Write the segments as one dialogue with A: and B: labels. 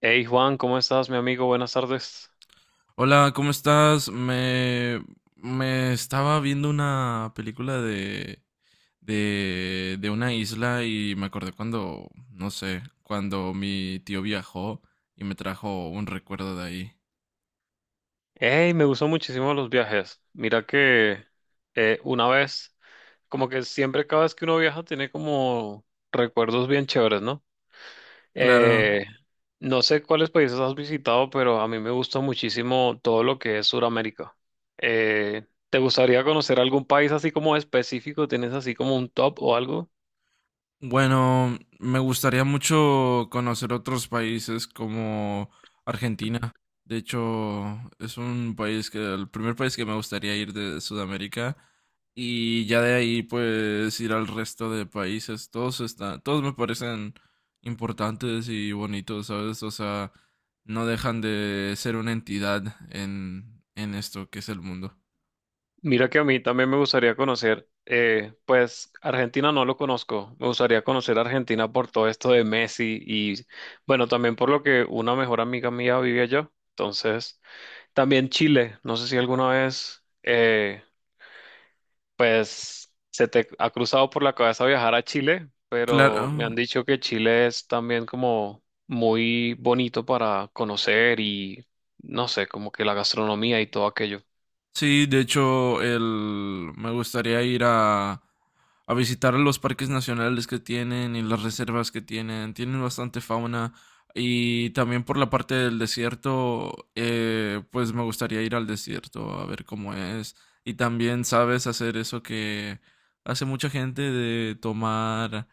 A: Hey Juan, ¿cómo estás, mi amigo? Buenas tardes.
B: Hola, ¿cómo estás? Me estaba viendo una película de una isla y me acordé cuando, no sé, cuando mi tío viajó y me trajo un recuerdo de ahí.
A: Hey, me gustó muchísimo los viajes. Mira que una vez, como que siempre cada vez que uno viaja tiene como recuerdos bien chéveres, ¿no?
B: Claro.
A: Eh, no sé cuáles países has visitado, pero a mí me gusta muchísimo todo lo que es Sudamérica. ¿Te gustaría conocer algún país así como específico? ¿Tienes así como un top o algo?
B: Bueno, me gustaría mucho conocer otros países como Argentina. De hecho, es un país que el primer país que me gustaría ir de Sudamérica y ya de ahí pues ir al resto de países. Todos están, todos me parecen importantes y bonitos, ¿sabes? O sea, no dejan de ser una entidad en esto que es el mundo.
A: Mira que a mí también me gustaría conocer, pues Argentina no lo conozco, me gustaría conocer Argentina por todo esto de Messi y bueno, también por lo que una mejor amiga mía vive allá, entonces también Chile, no sé si alguna vez, pues se te ha cruzado por la cabeza viajar a Chile,
B: Claro.
A: pero me han dicho que Chile es también como muy bonito para conocer y no sé, como que la gastronomía y todo aquello.
B: Sí, de hecho, me gustaría ir a visitar los parques nacionales que tienen y las reservas que tienen. Tienen bastante fauna y también por la parte del desierto, pues me gustaría ir al desierto a ver cómo es. Y también sabes hacer eso que hace mucha gente de tomar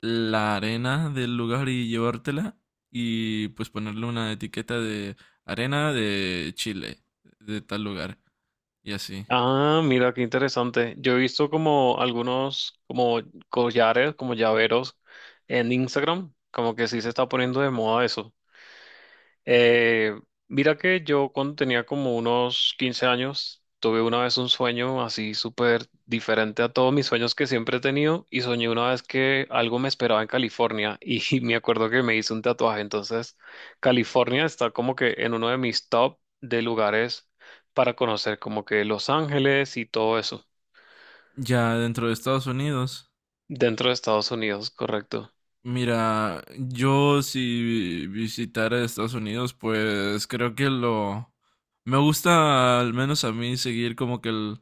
B: la arena del lugar y llevártela y pues ponerle una etiqueta de arena de Chile, de tal lugar y así.
A: Ah, mira, qué interesante. Yo he visto como algunos como collares, como llaveros en Instagram, como que sí se está poniendo de moda eso. Eh, mira que yo cuando tenía como unos 15 años, tuve una vez un sueño así súper diferente a todos mis sueños que siempre he tenido y soñé una vez que algo me esperaba en California y me acuerdo que me hice un tatuaje. Entonces, California está como que en uno de mis top de lugares para conocer, como que Los Ángeles y todo eso,
B: Ya dentro de Estados Unidos,
A: dentro de Estados Unidos, correcto.
B: mira, yo si visitara Estados Unidos, pues creo que lo... Me gusta al menos a mí seguir como que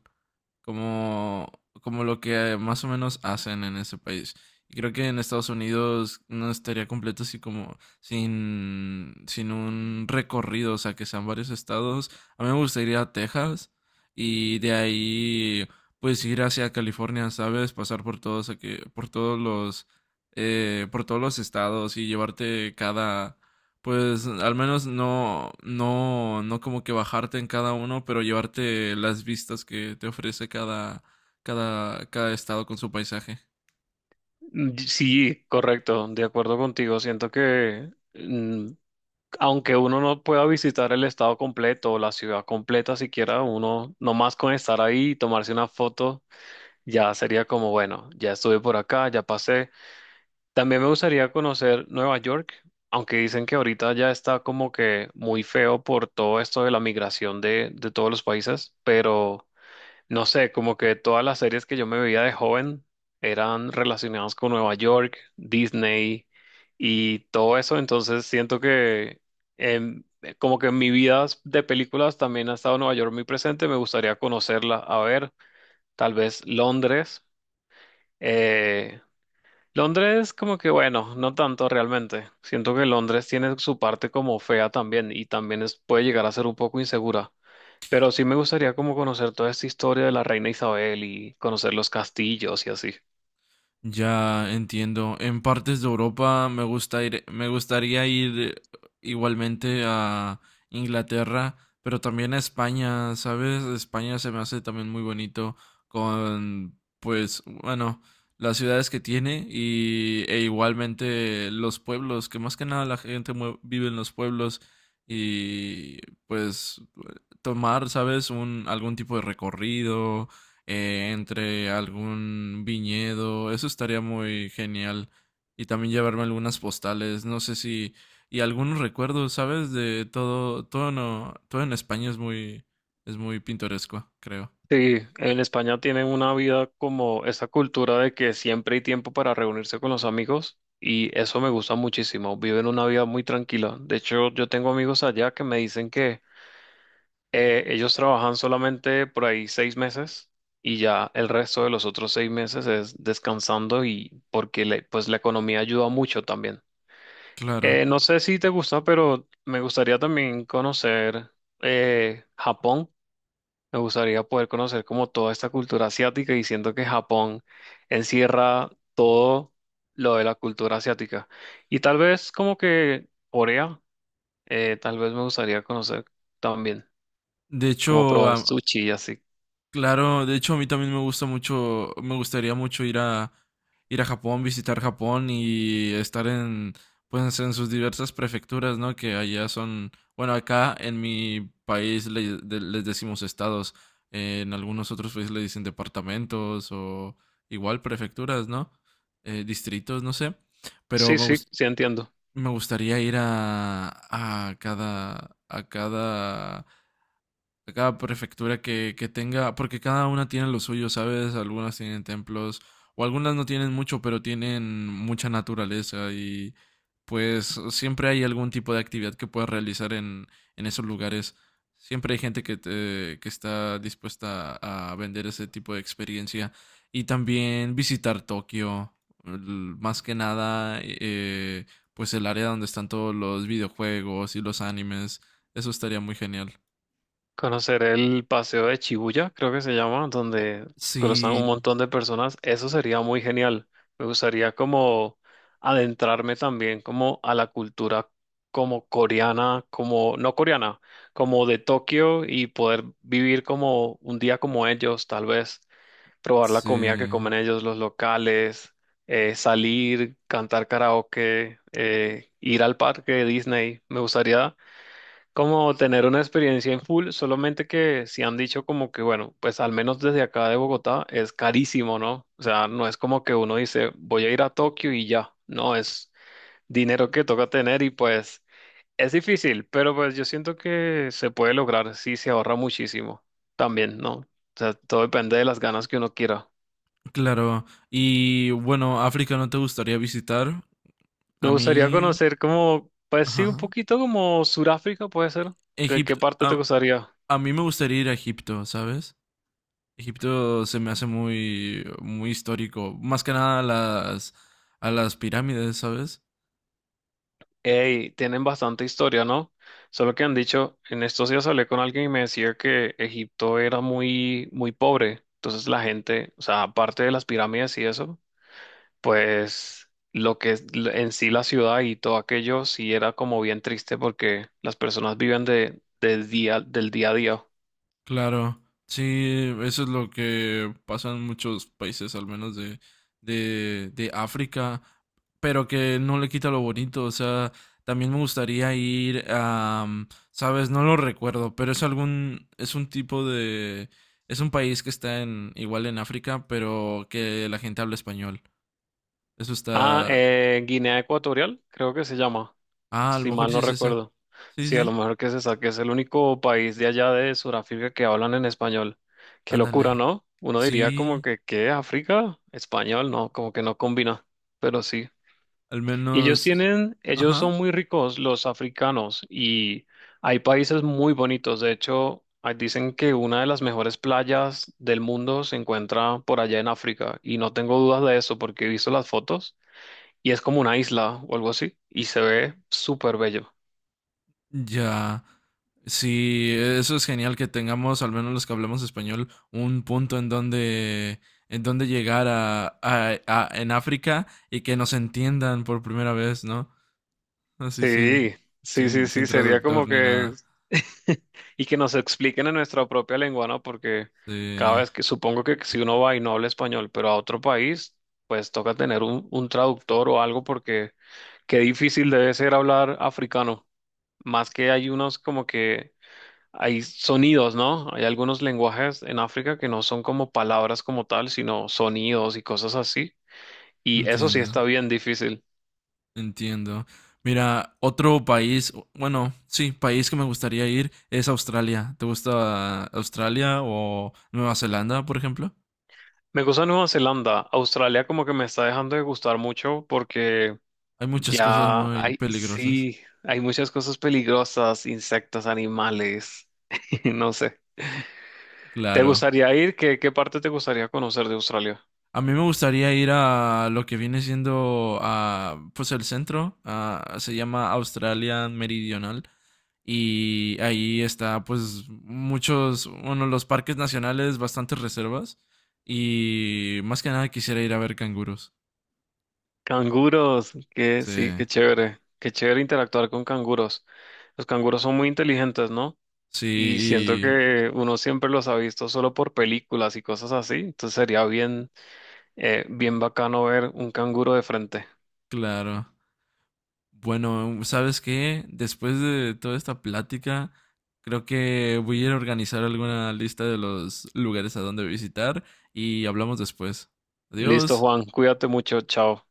B: como, como lo que más o menos hacen en ese país. Y creo que en Estados Unidos no estaría completo así como sin un recorrido, o sea, que sean varios estados. A mí me gustaría ir a Texas y de ahí pues ir hacia California, ¿sabes? Pasar por por todos los, por todos los estados y llevarte cada, pues al menos no, no, no como que bajarte en cada uno, pero llevarte las vistas que te ofrece cada estado con su paisaje.
A: Sí, correcto, de acuerdo contigo. Siento que... mm, aunque uno no pueda visitar el estado completo o la ciudad completa siquiera, uno nomás con estar ahí y tomarse una foto ya sería como, bueno, ya estuve por acá, ya pasé. También me gustaría conocer Nueva York, aunque dicen que ahorita ya está como que muy feo por todo esto de la migración de todos los países, pero... No sé, como que todas las series que yo me veía de joven eran relacionadas con Nueva York, Disney y todo eso, entonces siento que em, como que en mi vida de películas también ha estado Nueva York muy presente, me gustaría conocerla, a ver, tal vez Londres. eh, Londres como que bueno, no tanto realmente, siento que Londres tiene su parte como fea también y también puede llegar a ser un poco insegura. Pero sí me gustaría como conocer toda esta historia de la reina Isabel y conocer los castillos y así.
B: Ya entiendo. En partes de Europa me gustaría ir igualmente a Inglaterra, pero también a España, ¿sabes? España se me hace también muy bonito con, pues, bueno, las ciudades que tiene y, e igualmente los pueblos, que más que nada vive en los pueblos y, pues, tomar, ¿sabes? Un, algún tipo de recorrido entre algún viñedo. Eso estaría muy genial. Y también llevarme algunas postales, no sé si... Y algunos recuerdos, ¿sabes? De todo, todo no, todo en España es muy pintoresco, creo.
A: Sí, en España tienen una vida como esa cultura de que siempre hay tiempo para reunirse con los amigos y eso me gusta muchísimo. Viven una vida muy tranquila. De hecho, yo tengo amigos allá que me dicen que ellos trabajan solamente por ahí 6 meses y ya el resto de los otros 6 meses es descansando y porque pues la economía ayuda mucho también.
B: Claro,
A: No sé si te gusta, pero me gustaría también conocer Japón. Me gustaría poder conocer como toda esta cultura asiática y siento que Japón encierra todo lo de la cultura asiática. Y tal vez como que Corea, tal vez me gustaría conocer también,
B: de
A: como
B: hecho
A: probar
B: a
A: sushi y así.
B: Claro, de hecho a mí también me gusta mucho, me gustaría mucho ir a Japón, visitar Japón y estar en pues en sus diversas prefecturas, ¿no? Que allá son, bueno, acá en mi país les decimos estados, en algunos otros países le dicen departamentos o igual prefecturas, ¿no? Distritos, no sé, pero
A: Sí, sí, sí entiendo.
B: me gustaría ir a a cada a cada cada prefectura que tenga, porque cada una tiene lo suyo, ¿sabes? Algunas tienen templos, o algunas no tienen mucho, pero tienen mucha naturaleza y pues siempre hay algún tipo de actividad que puedas realizar en esos lugares. Siempre hay gente que está dispuesta a vender ese tipo de experiencia y también visitar Tokio, l- más que nada, pues el área donde están todos los videojuegos y los animes. Eso estaría muy genial.
A: Conocer el paseo de Shibuya, creo que se llama,
B: Oh,
A: donde cruzan un
B: sí,
A: montón de personas, eso sería muy genial. Me gustaría como adentrarme también como a la cultura como coreana, como no coreana, como de Tokio y poder vivir como un día como ellos, tal vez probar la comida que
B: sí,
A: comen ellos, los locales, salir, cantar karaoke, ir al parque de Disney. Me gustaría como tener una experiencia en full, solamente que si han dicho como que, bueno, pues al menos desde acá de Bogotá es carísimo, ¿no? O sea, no es como que uno dice, voy a ir a Tokio y ya, no, es dinero que toca tener y pues es difícil, pero pues yo siento que se puede lograr si se ahorra muchísimo también, ¿no? O sea, todo depende de las ganas que uno quiera.
B: claro. Y bueno, ¿África no te gustaría visitar?
A: Me
B: A
A: gustaría
B: mí,
A: conocer como, pues sí, un
B: ajá.
A: poquito como Suráfrica puede ser. ¿Qué, qué
B: Egipto,
A: parte te gustaría?
B: a mí me gustaría ir a Egipto, ¿sabes? Egipto se me hace muy, muy histórico. Más que nada a las, a las pirámides, ¿sabes?
A: Ey, tienen bastante historia, ¿no? Solo que han dicho, en estos días hablé con alguien y me decía que Egipto era muy, muy pobre. Entonces la gente, o sea, aparte de las pirámides y eso, pues lo que es en sí la ciudad y todo aquello sí era como bien triste porque las personas viven de, del día a día.
B: Claro, sí, eso es lo que pasa en muchos países, al menos de África, pero que no le quita lo bonito, o sea, también me gustaría ir a, mm, sabes, no lo recuerdo, pero es algún, es un tipo de, es un país que está en, igual en África, pero que la gente habla español. Eso
A: Ah,
B: está,
A: Guinea Ecuatorial, creo que se llama.
B: ah, a lo
A: Si
B: mejor
A: mal
B: sí
A: no
B: es esa.
A: recuerdo.
B: Sí,
A: Sí, a
B: sí,
A: lo mejor que se saque es el único país de allá de Sudáfrica que hablan en español. Qué locura,
B: ándale.
A: ¿no? Uno diría como
B: Sí,
A: que, ¿qué? ¿África? Español, no, como que no combina, pero sí.
B: al
A: Y ellos
B: menos,
A: tienen, ellos
B: ajá.
A: son muy ricos, los africanos, y hay países muy bonitos. De hecho, ah, dicen que una de las mejores playas del mundo se encuentra por allá en África, y no tengo dudas de eso porque he visto las fotos, y es como una isla o algo así, y se ve súper bello.
B: Ya, sí, eso es genial que tengamos, al menos los que hablamos español, un punto en donde llegar en África y que nos entiendan por primera vez, ¿no? Así
A: Sí, sí, sí, sí,
B: sin
A: sería
B: traductor
A: como
B: ni
A: que...
B: nada.
A: Y que nos expliquen en nuestra propia lengua, ¿no? Porque cada
B: Sí,
A: vez que supongo que si uno va y no habla español, pero a otro país, pues toca tener un traductor o algo porque qué difícil debe ser hablar africano. Más que hay unos como que hay sonidos, ¿no? Hay algunos lenguajes en África que no son como palabras como tal, sino sonidos y cosas así. Y eso sí
B: entiendo,
A: está bien difícil.
B: entiendo. Mira, otro país, bueno, sí, país que me gustaría ir es Australia. ¿Te gusta Australia o Nueva Zelanda, por ejemplo?
A: Me gusta Nueva Zelanda. Australia como que me está dejando de gustar mucho porque
B: Hay muchas cosas
A: ya
B: muy
A: hay,
B: peligrosas.
A: sí, hay muchas cosas peligrosas, insectos, animales, no sé. ¿Te
B: Claro.
A: gustaría ir? ¿Qué, qué parte te gustaría conocer de Australia?
B: A mí me gustaría ir a lo que viene siendo a, pues el centro, se llama Australia Meridional y ahí está pues muchos, bueno, los parques nacionales, bastantes reservas y más que nada quisiera ir a ver canguros.
A: Canguros, que
B: Sí,
A: sí, qué chévere. Qué chévere interactuar con canguros. Los canguros son muy inteligentes, ¿no? Y siento
B: sí, y
A: que uno siempre los ha visto solo por películas y cosas así. Entonces sería bien, bien bacano ver un canguro de frente.
B: claro. Bueno, ¿sabes qué? Después de toda esta plática, creo que voy a ir a organizar alguna lista de los lugares a donde visitar y hablamos después.
A: Listo,
B: Adiós.
A: Juan. Cuídate mucho. Chao.